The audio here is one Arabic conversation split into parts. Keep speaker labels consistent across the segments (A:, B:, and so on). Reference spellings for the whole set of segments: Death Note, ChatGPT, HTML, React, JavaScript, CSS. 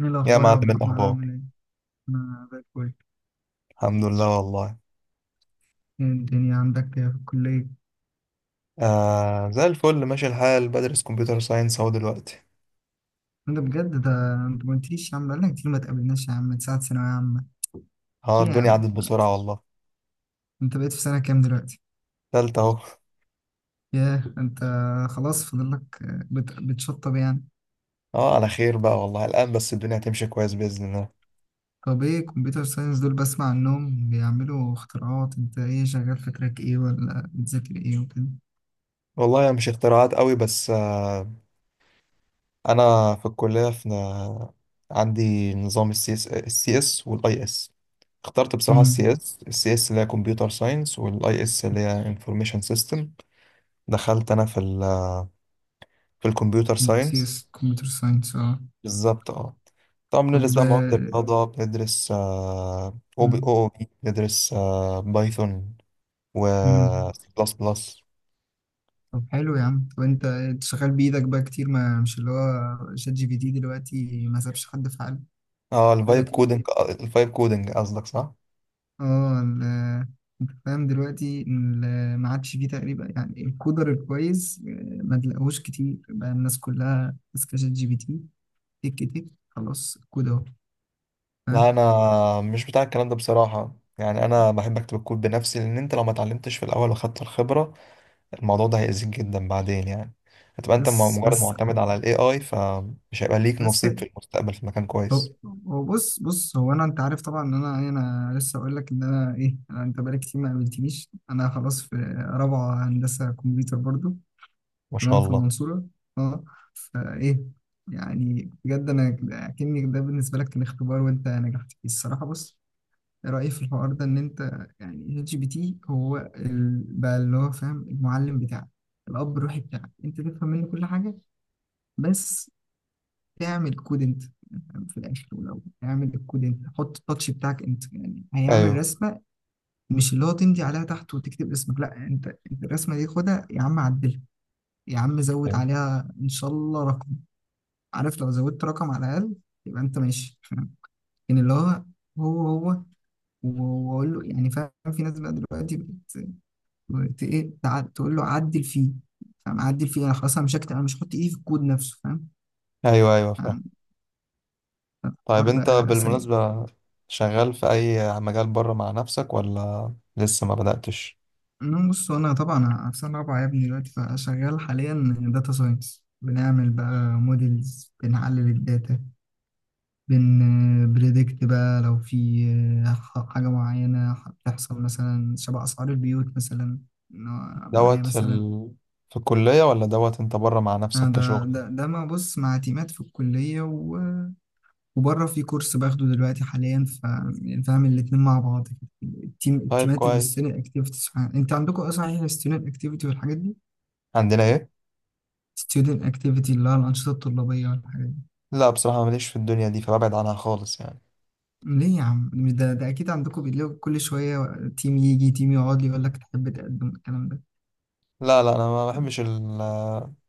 A: ايه
B: يا
A: الاخبار يا
B: معلم،
A: عبد
B: إيه
A: الرحمن،
B: الأخبار؟
A: عامل ايه؟ انا زي الفل.
B: الحمد لله والله.
A: ايه الدنيا عندك، إيه في الكليه؟
B: آه، زي الفل، ماشي الحال. بدرس كمبيوتر ساينس أهو دلوقتي.
A: انا بجد ده. انت ما قلتليش يا عم، بقالنا كتير ما تقابلناش يا عم من ساعه ثانويه عامه.
B: اه،
A: في إيه يا
B: الدنيا
A: عم؟
B: عدت بسرعة والله.
A: انت بقيت في سنه كام دلوقتي؟
B: تالتة أهو
A: ياه انت، خلاص فاضل لك. بتشطب يعني.
B: اه، على خير بقى والله، الآن بس الدنيا هتمشي كويس بإذن الله.
A: طب ايه كمبيوتر ساينس دول؟ بسمع عنهم بيعملوا اختراعات. انت ايه، شغال في تراك ايه ولا بتذاكر ايه وكده؟
B: والله هي مش اختراعات قوي بس أنا في الكلية، في... عندي نظام السي اس والاي اس. اخترت بصراحة السي
A: امم،
B: اس السي اس اللي هي كمبيوتر ساينس، والاي اس اللي هي انفورميشن سيستم. دخلت أنا في الكمبيوتر
A: سي
B: ساينس.
A: اس كمبيوتر ساينس، اه.
B: بالظبط، اه. طبعا
A: طب،
B: بندرس بقى مواد الرياضة، بندرس او بي
A: امم،
B: او بي بندرس بايثون و
A: إمم.
B: سي بلس بلس.
A: طب حلو يا عم. وانت شغال بايدك بقى، كتير ما مش اللي هو شات جي بي تي دلوقتي ما سابش حد في حاله.
B: اه، الفايب
A: دلوقتي
B: كودنج. الفايب كودنج قصدك، صح؟
A: اه فاهم دلوقتي، ما عادش فيه تقريبا يعني الكودر الكويس ما تلاقوش كتير بقى، الناس كلها ماسكه شات جي بي تي، تك تك خلاص الكود اهو.
B: لا،
A: فاهم؟
B: انا مش بتاع الكلام ده بصراحة يعني. انا بحب اكتب الكود بنفسي، لان انت لو ما اتعلمتش في الاول واخدت الخبرة، الموضوع ده هيأذيك جدا بعدين يعني. هتبقى انت
A: بس
B: مجرد
A: بس
B: معتمد على الاي اي، فمش هيبقى ليك
A: بس
B: نصيب في المستقبل في مكان
A: هو،
B: كويس.
A: هو بص بص هو، انا انت عارف طبعا ان انا انا لسه اقول لك ان انا ايه. انا، انت بقالك كتير ما قابلتنيش. انا خلاص في رابعه هندسه كمبيوتر برضو.
B: ما شاء
A: تمام، في
B: الله.
A: المنصورة، اه. فايه؟ يعني بجد انا، اكني ده بالنسبة لك كان اختبار وانت نجحت فيه الصراحة. بص، رأيي في الحوار ده ان انت يعني اتش بي تي هو بقى اللي هو فاهم، المعلم بتاعك، الاب الروحي بتاعك، انت تفهم منه كل حاجة بس تعمل كود انت يعني في الاخر. ولو تعمل الكود انت، حط التاتش بتاعك انت، يعني هيعمل
B: ايوه،
A: رسمة مش اللي هو تمضي عليها تحت وتكتب اسمك. لا، انت انت الرسمة دي خدها يا عم، عدلها يا عم، زود عليها ان شاء الله رقم. عارف؟ لو زودت رقم على الأقل يبقى أنت ماشي. فاهم؟ لكن اللي هو، هو هو و- وأقول له يعني. فاهم؟ في ناس بقى دلوقتي إيه، تقول له عدل فيه. فاهم؟ عدل فيه، أنا خلاص، أنا مش هكتب، أنا مش هحط إيدي في الكود نفسه. فاهم؟
B: ايوه، ايوه، فاهم.
A: يعني
B: طيب،
A: الحوار
B: انت
A: بقى سيء.
B: بالمناسبة شغال في اي مجال بره مع نفسك ولا لسه ما بدأتش؟
A: إنه بص، أنا طبعا في سنة رابعة يا ابني دلوقتي، فشغال حاليا داتا ساينس، بنعمل بقى موديلز، بنحلل الداتا، بنبريدكت بقى لو في حاجة معينة هتحصل، مثلا شبه أسعار البيوت مثلا، إن هو معايا
B: دوت
A: مثلا.
B: في الكلية، ولا دوت انت بره مع نفسك
A: ده
B: كشغل؟
A: ده ده مع، بص، مع تيمات في الكلية وبره في كورس باخده دلوقتي حاليا. فاهم؟ الاتنين مع بعض كده.
B: طيب،
A: التيمات
B: كويس.
A: الستودنت اكتيفيتيز، انت عندكم ايه صحيح، الستودنت اكتيفيتي والحاجات دي؟
B: عندنا ايه؟
A: ستودنت اكتيفيتي، اللي هو الانشطه الطلابيه والحاجات دي.
B: لا بصراحة، ماليش في الدنيا دي فببعد عنها خالص يعني.
A: ليه يا عم؟ مش ده، ده اكيد عندكم، بيلاقوا كل شويه تيم يجي، تيم يقعد لي يقول لك تحب تقدم الكلام ده.
B: لا، لا، انا ما
A: مم.
B: بحبش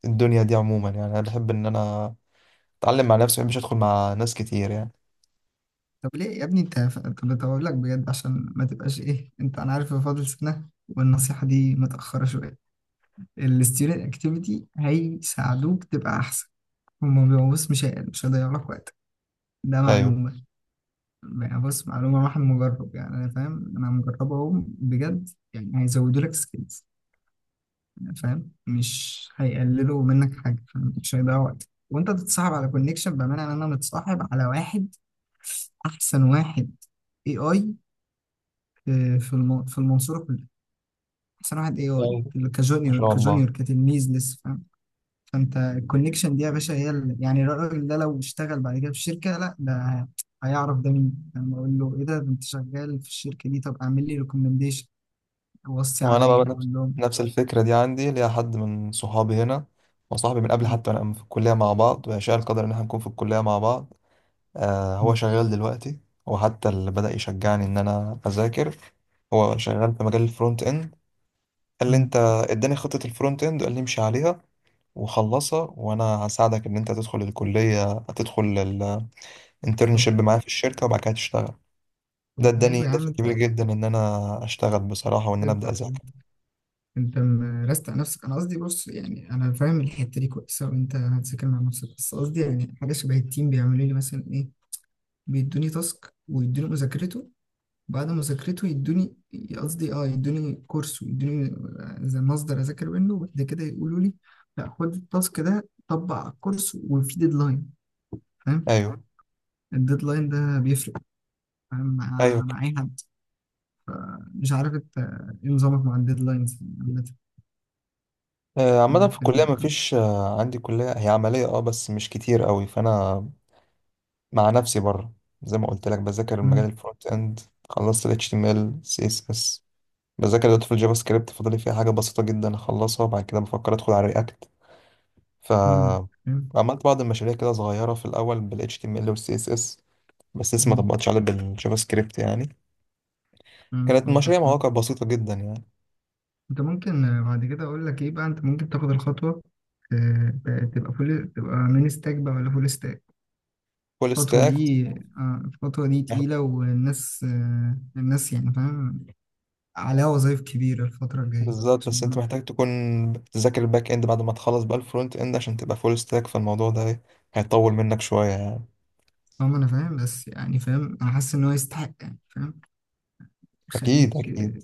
B: الدنيا دي عموما يعني. انا بحب ان انا اتعلم مع نفسي، ما بحبش ادخل مع ناس كتير يعني.
A: طب ليه يا ابني انت؟ طب اقول لك بجد عشان ما تبقاش ايه، انت انا عارف إن فاضل سنه والنصيحه دي متاخره شويه. الستودنت اكتيفيتي هيساعدوك تبقى احسن. هما بيبقوا، بص، مش هيضيعوا لك وقت. ده
B: ايوه،
A: معلومه، يعني بص، معلومه راح مجرب، يعني انا فاهم، انا مجربه اهو بجد. يعني هيزودوا لك سكيلز، فاهم؟ مش هيقللوا منك حاجه. فاهم؟ مش هيضيعوا وقت، وانت تتصاحب على كونكشن، بامانه انا متصاحب على واحد احسن واحد، اي اي، في في في المنصورة كلها. أحسن واحد إيه هو؟
B: ايوه. ما
A: كجونيور،
B: شاء الله.
A: كجونيور، كتلميذ لسه. فاهم؟ فأنت الكونكشن دي يا باشا هي يعني الراجل ده لو اشتغل بعد كده في شركة، لا ده هيعرف ده مين، لما أقول له إيه ده، ده أنت شغال في الشركة دي. طب أعمل لي ريكومنديشن، وصي
B: وانا بقى
A: عليا،
B: نفس
A: أقول لهم
B: نفس الفكره دي عندي. ليا حد من صحابي هنا، وصاحبي من قبل،
A: م-
B: حتى انا في الكليه مع بعض، ويشاء القدر ان احنا نكون في الكليه مع بعض. آه،
A: م-
B: هو شغال دلوقتي. هو حتى اللي بدا يشجعني ان انا اذاكر. هو شغال في مجال الفرونت اند. قال لي انت...
A: م.
B: اداني خطه الفرونت اند وقال لي امشي عليها وخلصها، وانا هساعدك ان انت تدخل الكليه، تدخل
A: شغل.
B: الانترنشيب معايا في الشركه، وبعد كده تشتغل. ده
A: طب
B: اداني
A: حلو يا عم.
B: دفع كبير جدا ان انا اشتغل بصراحه، وان انا
A: أنت
B: ابدا اذاكر.
A: أنت مرست على نفسك. أنا قصدي بص، يعني أنا فاهم الحتة دي كويسة وأنت هتذاكر مع نفسك، بس قصدي يعني حاجة شبه التيم بيعملوا لي مثلا، إيه بيدوني تاسك ويدوني مذاكرته، بعد مذاكرته يدوني، قصدي اه يدوني كورس ويدوني زي مصدر اذاكر منه. وبعد كده يقولوا لي لا، خد التاسك ده، طبق على الكورس وفي ديدلاين. فاهم؟
B: ايوه،
A: الديدلاين ده بيفرق، فاهم؟
B: ايوه.
A: مع اي حد. مش عارف انت ايه نظامك مع الديدلاينز عامة
B: عامة
A: في
B: في الكلية
A: الكورس.
B: مفيش. عندي كلية هي عملية، بس مش كتير قوي، فأنا مع نفسي بره. زي ما قلت لك، بذاكر المجال
A: مم،
B: الفرونت اند. خلصت ال HTML CSS، بذاكر دلوقتي في الجافا سكريبت. فاضل لي فيها حاجة بسيطة جدا أخلصها، وبعد كده بفكر أدخل على رياكت. ف
A: مم، فاهم؟
B: عملت بعض المشاريع كده صغيرة في الأول بال HTML وال CSS، بس لسه ما
A: مم،
B: طبقتش عليها بالجافا سكريبت يعني.
A: مم،
B: كانت
A: فهمتك،
B: مشاريع
A: آه.
B: مواقع بسيطة جدا يعني.
A: انت ممكن بعد كده اقول لك ايه بقى، انت ممكن تاخد الخطوه، تبقى فول، تبقى مين ستاك بقى، ولا فول؟
B: فول
A: الخطوة
B: ستاك.
A: دي الخطوة دي تقيلة، والناس الناس يعني فاهم، عليها وظايف كبيرة الفترة الجاية
B: بالظبط،
A: عشان
B: بس انت محتاج تكون بتذاكر الباك اند بعد ما تخلص بقى الفرونت اند عشان تبقى فول ستاك، فالموضوع ده هيطول منك شوية يعني.
A: هم. أنا فاهم، بس يعني فاهم، أنا حاسس إن هو يستحق، يعني فاهم يخليك.
B: اكيد، اكيد.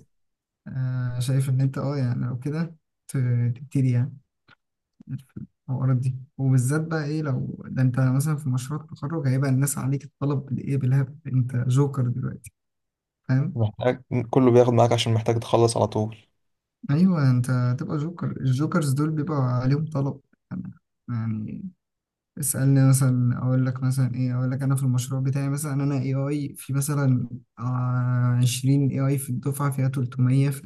A: شايف إن أنت أه يعني لو كده ت- تبتدي يعني في الحوارات دي، وبالذات بقى إيه لو ده أنت مثلا في مشروع التخرج، هيبقى الناس عليك الطلب بالإيه بالهبل. أنت جوكر دلوقتي، فاهم؟
B: محتاج، كله بياخد معاك عشان محتاج تخلص على طول.
A: أيوه، أنت هتبقى جوكر. الجوكرز دول بيبقى عليهم طلب يعني. اسألني مثلا، أقول لك مثلا إيه، أقول لك أنا في المشروع بتاعي مثلا، أنا AI في مثلا، 20 AI في الدفعة فيها 300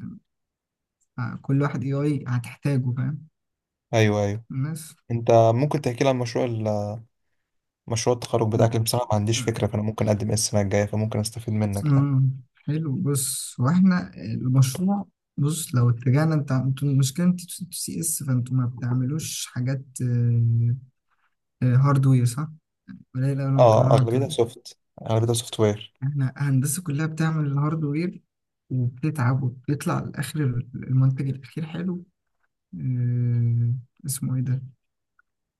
A: كل واحد AI هتحتاجه. فاهم؟
B: ايوه، ايوه.
A: الناس،
B: انت ممكن تحكي لي عن مشروع التخرج بتاعك؟ اللي بصراحة ما عنديش فكرة، فانا ممكن اقدم ايه السنة الجاية، فممكن استفيد منك يعني.
A: آه، حلو. بص، واحنا المشروع بص، لو اتجهنا، انتوا المشكله، انت سي اس، فانتوا ما بتعملوش حاجات هاردوير صح؟ قليل قوي لما
B: اه،
A: بتعملوا هاردوير.
B: اغلبيتها سوفت وير.
A: احنا هندسة كلها بتعمل الهاردوير، وبتتعب وبتطلع لآخر المنتج الأخير حلو. آه، اسمه ايه ده؟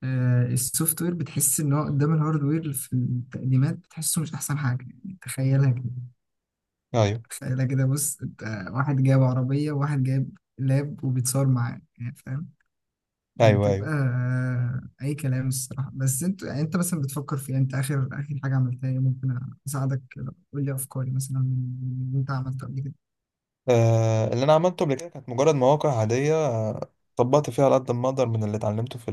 A: السوفت وير بتحس ان هو قدام الهاردوير في التقديمات، بتحسه مش احسن حاجة يعني. تخيلها كده،
B: ايوه،
A: تخيلها كده. بص انت، واحد جايب عربية وواحد جايب لاب وبيتصور معاه يعني. فاهم؟
B: ايوه،
A: بتبقى
B: ايوه.
A: اي كلام الصراحة. بس انت يعني، انت مثلا بتفكر في إيه؟ انت اخر حاجة عملتها ايه؟ ممكن اساعدك. قول لي افكاري مثلا، من اللي انت عملته قبل كده.
B: آه، اللي انا عملته قبل كده كانت مجرد مواقع عادية. طبقت فيها على قد ما اقدر من اللي اتعلمته في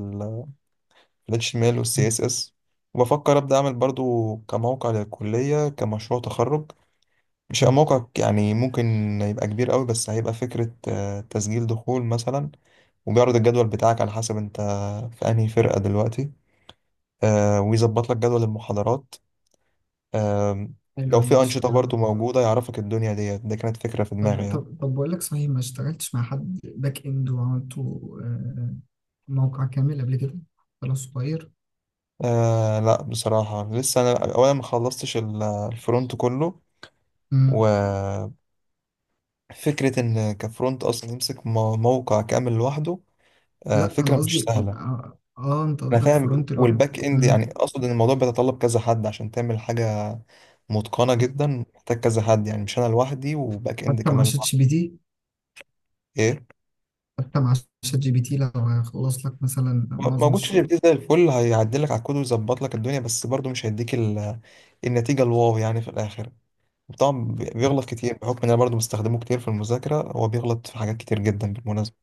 B: ريتش ميل والسي اس اس. وبفكر ابدا اعمل برضو كموقع للكليه كمشروع تخرج. مش هيبقى
A: مم.
B: موقع يعني ممكن يبقى كبير قوي، بس هيبقى فكره. تسجيل دخول مثلا، وبيعرض الجدول بتاعك على حسب انت في انهي فرقه دلوقتي. ويظبط لك جدول المحاضرات. آم، لو
A: حلو
B: في انشطه
A: المشي، اه.
B: برضو موجوده يعرفك الدنيا ديت. ده كانت فكره في دماغي
A: طب
B: يعني.
A: طب طب بقول لك صحيح، ما اشتغلتش مع حد باك اند وعملته آه، موقع كامل قبل كده، ولا صغير؟
B: آه، لا بصراحه، لسه انا اولا ما خلصتش الفرونت كله. و
A: مم.
B: فكرة إن كفرونت أصلا يمسك موقع كامل لوحده،
A: لا انا
B: فكرة مش
A: قصدي
B: سهلة.
A: اه، انت
B: أنا
A: قصدك
B: فاهم،
A: فرونت لوحده.
B: والباك إند يعني.
A: مم.
B: أقصد إن الموضوع بيتطلب كذا حد عشان تعمل حاجة متقنة جدا. محتاج كذا حد يعني، مش أنا لوحدي، وباك إند
A: حتى مع
B: كمان
A: شات
B: لوحدي.
A: جي بي تي،
B: إيه
A: حتى مع شات جي بي تي، لو هيخلص لك مثلا معظم
B: موجود شات جي بي
A: الشغل.
B: تي زي الفل، هيعدل لك على الكود ويظبط لك الدنيا، بس برضه مش هيديك النتيجة الواو يعني في الآخر. طبعا بيغلط كتير، بحكم إن أنا برضه بستخدمه كتير في المذاكرة، هو بيغلط في حاجات كتير جدا بالمناسبة.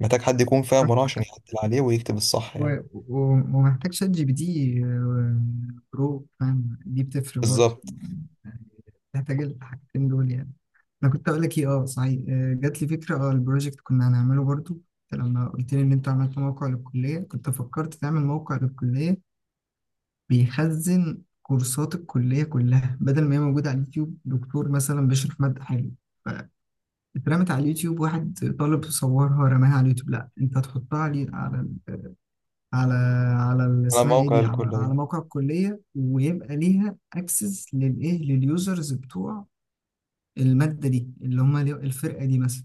B: محتاج حد يكون فاهم وراه عشان
A: فاهمك.
B: يعدل عليه ويكتب الصح يعني.
A: ومحتاج شات جي بي تي برو، فاهم؟ دي بتفرق برضه.
B: بالظبط.
A: نحتاج الحاجتين دول يعني. انا كنت اقول لك ايه، اه صحيح، جات لي فكره، اه البروجكت كنا هنعمله برضو. أنت لما قلت لي ان انت عملت موقع للكليه، كنت فكرت تعمل موقع للكليه بيخزن كورسات الكليه كلها، بدل ما هي موجوده على اليوتيوب. دكتور مثلا بيشرح ماده حلوه، اترمت على اليوتيوب، واحد طالب صورها رماها على اليوتيوب. لا، انت هتحطها على على
B: على
A: اسمها ايه
B: موقع
A: دي، على، على
B: الكلية.
A: موقع الكليه، ويبقى ليها اكسس للايه، لليوزرز بتوع المادة دي، اللي هما الفرقة دي مثلا.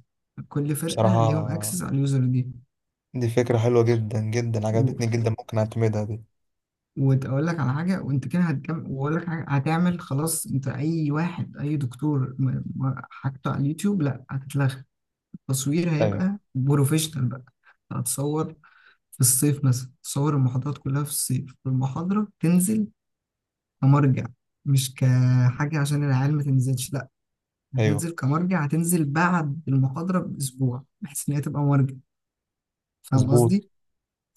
A: كل فرقة
B: بصراحة
A: ليهم اكسس على اليوزر دي.
B: دي فكرة حلوة جدا جدا،
A: و...
B: عجبتني جدا، ممكن أعتمدها دي.
A: وأقول لك على حاجة، وأنت كده هتكمل. وأقول لك حاجة هتعمل، خلاص. أنت أي واحد، أي دكتور حاجته على اليوتيوب، لأ هتتلغى. التصوير
B: أيوه،
A: هيبقى بروفيشنال بقى. هتصور في الصيف مثلا، تصور المحاضرات كلها في الصيف، والمحاضرة تنزل كمرجع، مش كحاجة عشان العيال ما تنزلش، لأ
B: أيوه،
A: هتنزل كمرجع. هتنزل بعد المحاضرة بأسبوع، بحيث إن هي تبقى مرجع. فاهم
B: مظبوط.
A: قصدي؟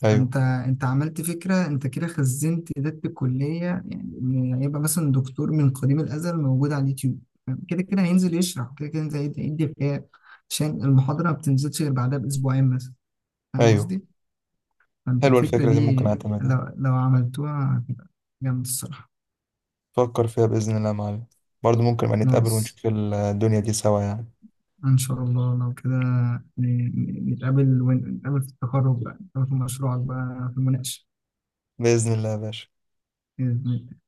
B: أيوه،
A: انت انت عملت فكره، انت كده خزنت ذات الكليه يعني. إن هيبقى مثلا دكتور من قديم الازل موجود على اليوتيوب. فاهم؟ كده كده هينزل يشرح، كده كده هينزل يدي غياب، عشان المحاضره ما بتنزلش غير بعدها باسبوعين مثلا. فاهم
B: أيوه.
A: قصدي؟ فانت
B: حلوة
A: الفكره
B: الفكرة دي، ممكن
A: دي
B: أعتمدها يعني.
A: لو عملتوها هتبقى جامد الصراحه.
B: فكر فيها بإذن الله يا معلم. برضه ممكن ما نتقابل
A: خلاص،
B: ونشوف الدنيا دي سوا يعني.
A: ان شاء الله، لو كده نتقابل، نتقابل في التخرج بقى، نتقابل في مشروعك بقى في المناقشه.
B: بإذن الله يا باشا.
A: بإذن